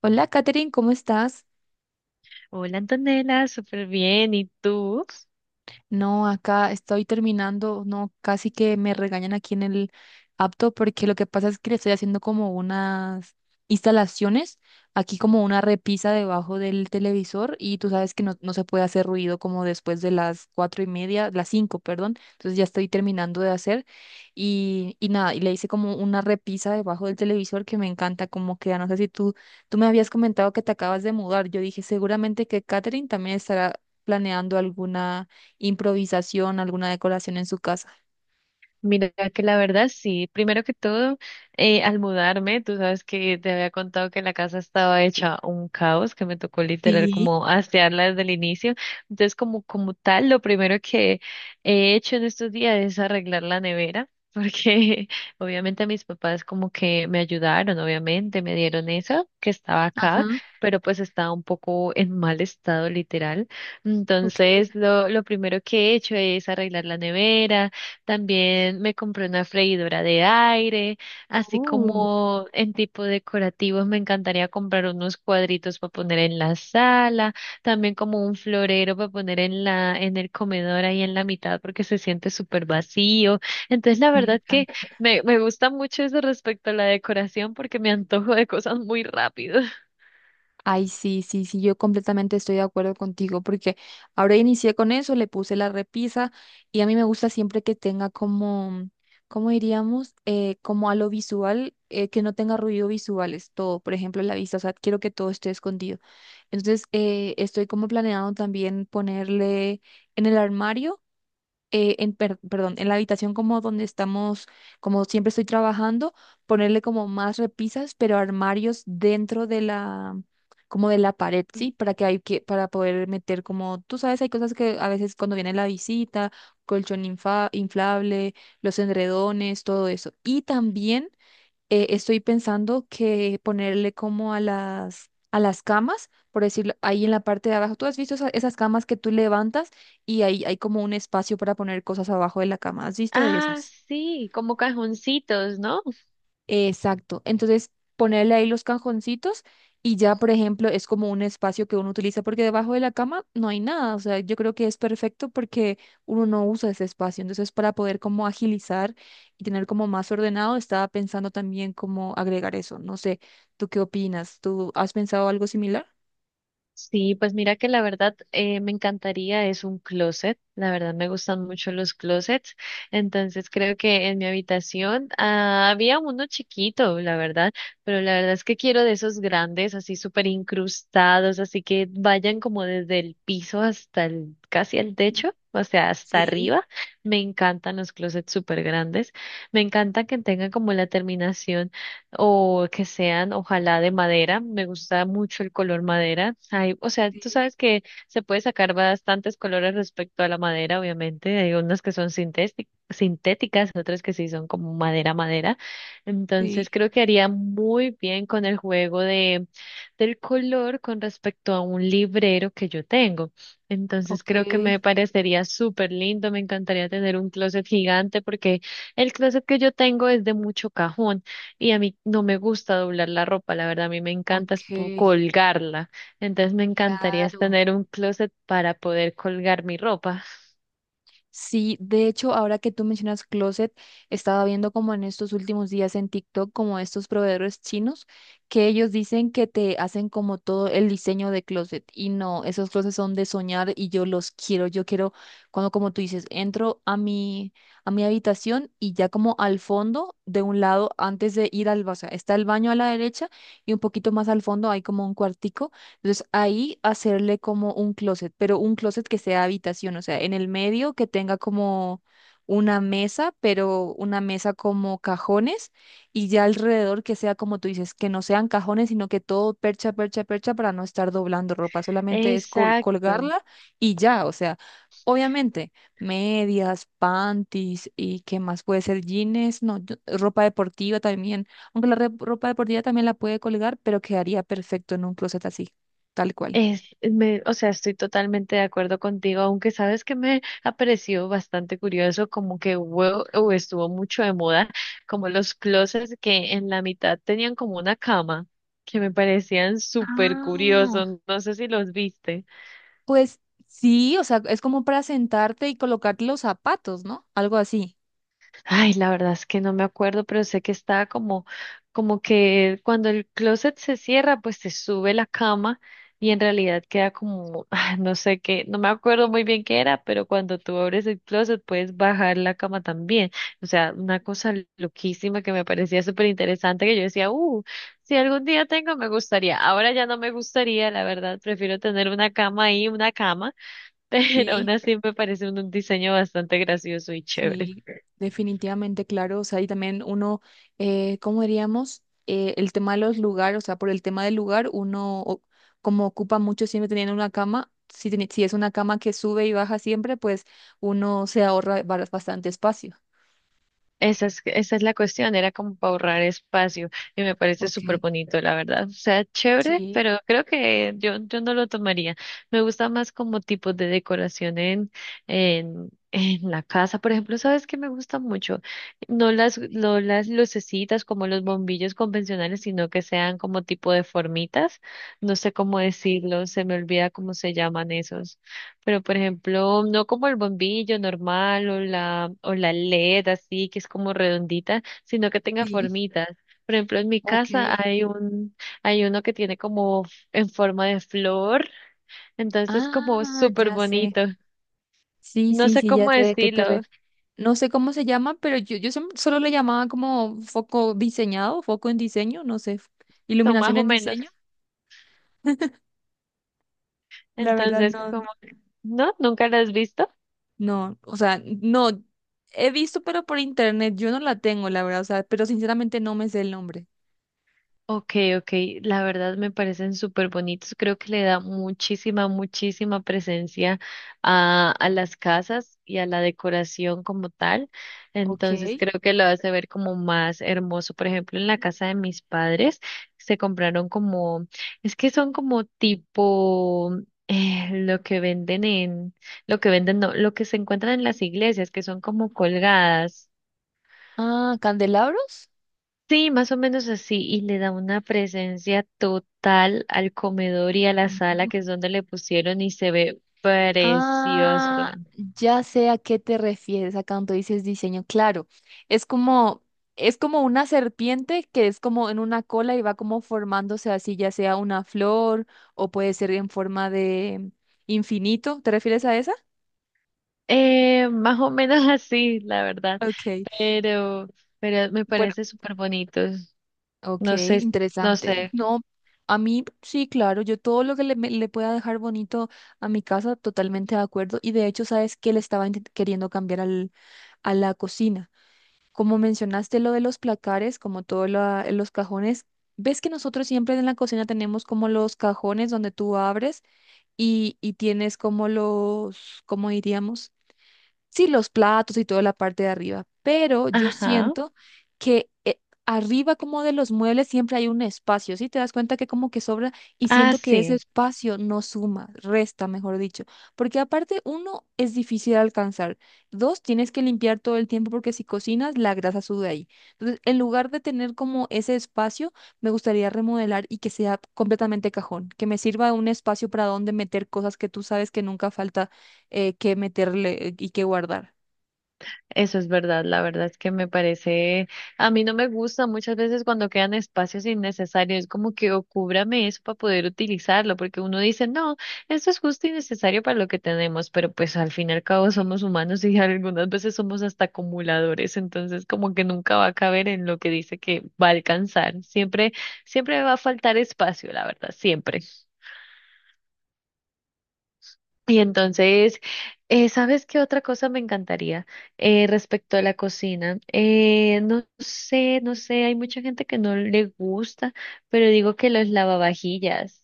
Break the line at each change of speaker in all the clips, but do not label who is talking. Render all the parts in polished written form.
Hola, Katherine, ¿cómo estás?
Hola Antonella, súper bien. ¿Y tú?
No, acá estoy terminando, no, casi que me regañan aquí en el apto porque lo que pasa es que le estoy haciendo como unas instalaciones, aquí como una repisa debajo del televisor y tú sabes que no se puede hacer ruido como después de las cuatro y media, las cinco, perdón, entonces ya estoy terminando de hacer y nada, y le hice como una repisa debajo del televisor que me encanta como queda, no sé si tú me habías comentado que te acabas de mudar, yo dije seguramente que Katherine también estará planeando alguna improvisación, alguna decoración en su casa.
Mira que la verdad sí, primero que todo, al mudarme, tú sabes que te había contado que la casa estaba hecha un caos, que me tocó literal
Sí.
como asearla desde el inicio. Entonces, como tal, lo primero que he hecho en estos días es arreglar la nevera, porque obviamente mis papás como que me ayudaron, obviamente me dieron eso que estaba
Ajá,
acá, pero pues estaba un poco en mal estado literal.
ok.
Entonces, lo primero que he hecho es arreglar la nevera. También me compré una freidora de aire, así
Uh,
como en tipo decorativos. Me encantaría comprar unos cuadritos para poner en la sala, también como un florero para poner en en el comedor ahí en la mitad porque se siente súper vacío. Entonces la
me
verdad que
encanta.
me gusta mucho eso respecto a la decoración porque me antojo de cosas muy rápido.
Ay, sí, sí, sí, yo completamente estoy de acuerdo contigo porque ahora inicié con eso, le puse la repisa y a mí me gusta siempre que tenga como, ¿cómo diríamos? Como a lo visual, que no tenga ruido visuales, todo, por ejemplo, la vista, o sea, quiero que todo esté escondido. Entonces, estoy como planeando también ponerle en el armario. Perdón, en la habitación como donde estamos, como siempre estoy trabajando, ponerle como más repisas, pero armarios dentro de como de la pared, ¿sí? Para que hay que, para poder meter como, tú sabes, hay cosas que a veces cuando viene la visita, colchón inflable, los edredones, todo eso. Y también estoy pensando que ponerle como a a las camas, por decirlo, ahí en la parte de abajo. ¿Tú has visto esas camas que tú levantas y ahí hay como un espacio para poner cosas abajo de la cama? ¿Has visto de
Ah,
esas?
sí, como cajoncitos, ¿no?
Exacto. Entonces, ponerle ahí los cajoncitos y ya, por ejemplo, es como un espacio que uno utiliza porque debajo de la cama no hay nada. O sea, yo creo que es perfecto porque uno no usa ese espacio. Entonces, para poder como agilizar y tener como más ordenado, estaba pensando también cómo agregar eso. No sé, ¿tú qué opinas? ¿Tú has pensado algo similar?
Sí, pues mira que la verdad me encantaría, es un closet, la verdad me gustan mucho los closets. Entonces creo que en mi habitación ah, había uno chiquito, la verdad, pero la verdad es que quiero de esos grandes, así súper incrustados, así que vayan como desde el piso hasta el, casi el techo, o sea, hasta arriba. Me encantan los closets súper grandes, me encanta que tengan como la terminación o que sean, ojalá de madera. Me gusta mucho el color madera. Hay, o sea, tú
Sí,
sabes que se puede sacar bastantes colores respecto a la madera, obviamente. Hay unas que son sintéticas, otras que sí son como madera, madera.
sí,
Entonces creo que haría muy bien con el juego de, del color con respecto a un librero que yo tengo. Entonces
ok,
creo que me parecería súper lindo. Me encantaría tener un closet gigante porque el closet que yo tengo es de mucho cajón. Y a mí no me gusta doblar la ropa, la verdad, a mí me encanta es
ok,
colgarla. Entonces me encantaría es
claro.
tener un closet para poder colgar mi ropa.
Sí, de hecho, ahora que tú mencionas closet, estaba viendo como en estos últimos días en TikTok, como estos proveedores chinos, que ellos dicen que te hacen como todo el diseño de closet. Y no, esos closets son de soñar y yo los quiero. Yo quiero, cuando como tú dices, entro a a mi habitación y ya como al fondo, de un lado, antes de ir o sea, está el baño a la derecha y un poquito más al fondo hay como un cuartico entonces ahí hacerle como un closet, pero un closet que sea habitación, o sea, en el medio que tenga como una mesa, pero una mesa como cajones y ya alrededor que sea como tú dices, que no sean cajones, sino que todo percha, percha, percha para no estar doblando ropa, solamente es
Exacto.
colgarla y ya, o sea, obviamente medias, panties y qué más puede ser jeans, no, ropa deportiva también, aunque la ropa deportiva también la puede colgar, pero quedaría perfecto en un closet así tal cual.
Es, me, o sea, estoy totalmente de acuerdo contigo, aunque sabes que me ha parecido bastante curioso, como que hubo, o estuvo mucho de moda, como los closets que en la mitad tenían como una cama, que me parecían súper
Ah,
curiosos. No sé si los viste.
pues sí, o sea, es como para sentarte y colocarte los zapatos, ¿no? Algo así.
Ay, la verdad es que no me acuerdo, pero sé que estaba como, como que cuando el closet se cierra, pues se sube la cama y en realidad queda como, ah, no sé qué, no me acuerdo muy bien qué era, pero cuando tú abres el closet puedes bajar la cama también. O sea, una cosa loquísima que me parecía súper interesante que yo decía, si algún día tengo, me gustaría. Ahora ya no me gustaría, la verdad, prefiero tener una cama ahí, una cama, pero aún
Sí,
así me parece un diseño bastante gracioso y chévere.
sí, definitivamente, claro. O sea, y también uno, ¿cómo diríamos? El tema de los lugares, o sea, por el tema del lugar, como ocupa mucho siempre teniendo una cama, si, si es una cama que sube y baja siempre, pues uno se ahorra bastante espacio.
Esa es la cuestión, era como para ahorrar espacio y me parece
Ok,
súper bonito, la verdad. O sea, chévere,
sí,
pero creo que yo no lo tomaría. Me gusta más como tipo de decoración en, en la casa. Por ejemplo, ¿sabes qué me gusta mucho? No las lucecitas como los bombillos convencionales, sino que sean como tipo de formitas. No sé cómo decirlo, se me olvida cómo se llaman esos. Pero, por ejemplo, no como el bombillo normal o o la LED así, que es como redondita, sino que tenga
sí,
formitas. Por ejemplo, en mi
ok.
casa hay hay uno que tiene como en forma de flor, entonces es como
Ah,
súper
ya sé.
bonito.
Sí,
No
sí,
sé
sí, ya
cómo
sé de qué te
decirlo,
refieres. No sé cómo se llama, pero yo solo le llamaba como foco diseñado, foco en diseño, no sé,
son más
iluminación
o
en
menos.
diseño. La verdad,
Entonces,
no,
como, ¿no? ¿Nunca lo has visto?
no, o sea, no, he visto, pero por internet, yo no la tengo, la verdad, o sea, pero sinceramente no me sé el nombre.
Ok, ok, la verdad me parecen súper bonitos. Creo que le da muchísima, muchísima presencia a las casas y a la decoración como tal.
Ok.
Entonces creo que lo hace ver como más hermoso. Por ejemplo, en la casa de mis padres se compraron como, es que son como tipo lo que venden en, lo que venden, no, lo que se encuentran en las iglesias, que son como colgadas.
Ah, candelabros.
Sí, más o menos así, y le da una presencia total al comedor y a la sala, que es donde le pusieron, y se ve precioso.
Ah, ya sé a qué te refieres a cuando dices diseño. Claro, es como, es como una serpiente que es como en una cola y va como formándose así, ya sea una flor o puede ser en forma de infinito. ¿Te refieres a esa?
Más o menos así, la verdad,
Ok,
pero, pero me
bueno,
parece súper bonito.
ok,
No sé, no
interesante.
sé.
No, a mí sí, claro, yo todo lo que le pueda dejar bonito a mi casa, totalmente de acuerdo. Y de hecho, ¿sabes qué le estaba queriendo cambiar a la cocina? Como mencionaste lo de los placares, como todos los cajones, ves que nosotros siempre en la cocina tenemos como los cajones donde tú abres y tienes como los, ¿cómo diríamos? Sí, los platos y toda la parte de arriba, pero yo
Ajá.
siento que arriba como de los muebles siempre hay un espacio, ¿sí? Te das cuenta que como que sobra y
Ah,
siento que ese
sí.
espacio no suma, resta, mejor dicho, porque aparte uno es difícil de alcanzar, dos tienes que limpiar todo el tiempo porque si cocinas la grasa sube ahí. Entonces, en lugar de tener como ese espacio, me gustaría remodelar y que sea completamente cajón, que me sirva un espacio para donde meter cosas que tú sabes que nunca falta que meterle y que guardar.
Eso es verdad, la verdad es que me parece, a mí no me gusta muchas veces cuando quedan espacios innecesarios, es como que o cúbrame eso para poder utilizarlo, porque uno dice, no, esto es justo y necesario para lo que tenemos, pero pues al fin y al cabo somos humanos y algunas veces somos hasta acumuladores, entonces como que nunca va a caber en lo que dice que va a alcanzar, siempre, siempre va a faltar espacio, la verdad, siempre. Y entonces, ¿sabes qué otra cosa me encantaría respecto a la cocina? No sé, no sé, hay mucha gente que no le gusta, pero digo que los lavavajillas.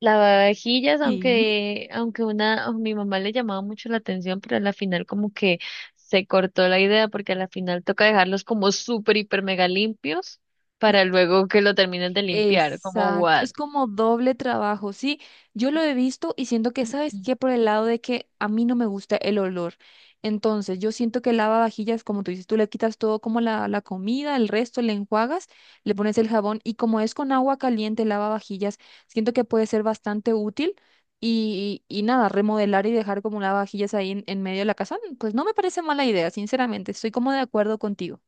Lavavajillas,
Sí.
aunque una, a mi mamá le llamaba mucho la atención, pero a la final como que se cortó la idea porque a la final toca dejarlos como súper, hiper, mega limpios para luego que lo terminen de limpiar, como
Exacto,
what.
es como doble trabajo, sí. Yo lo he visto y siento que, ¿sabes qué? Por el lado de que a mí no me gusta el olor. Entonces, yo siento que lavavajillas, como tú dices, tú le quitas todo como la comida, el resto le enjuagas, le pones el jabón y como es con agua caliente lavavajillas, siento que puede ser bastante útil y nada, remodelar y dejar como lavavajillas ahí en medio de la casa, pues no me parece mala idea, sinceramente, estoy como de acuerdo contigo.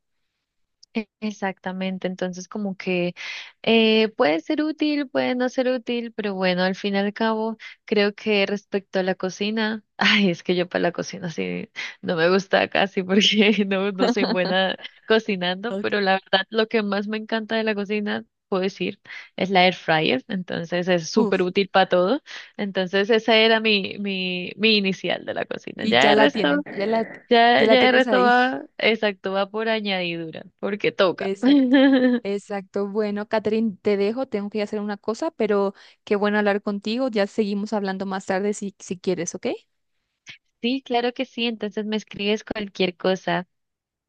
Exactamente, entonces como que puede ser útil, puede no ser útil, pero bueno, al fin y al cabo, creo que respecto a la cocina, ay, es que yo para la cocina sí no me gusta casi porque no, no soy buena cocinando, pero la verdad lo que más me encanta de la cocina, puedo decir, es la air fryer, entonces es súper
Uf,
útil para todo, entonces esa era mi inicial de la cocina,
y ya
ya el
la
resto
tienes, ya la
ya el
tienes
resto
ahí.
va, exacto, va por añadidura, porque toca.
Exacto, exacto. Bueno, Catherine, te dejo, tengo que ir a hacer una cosa, pero qué bueno hablar contigo. Ya seguimos hablando más tarde si quieres, ¿ok?
Sí, claro que sí, entonces me escribes cualquier cosa.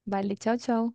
Vale, chao, chao.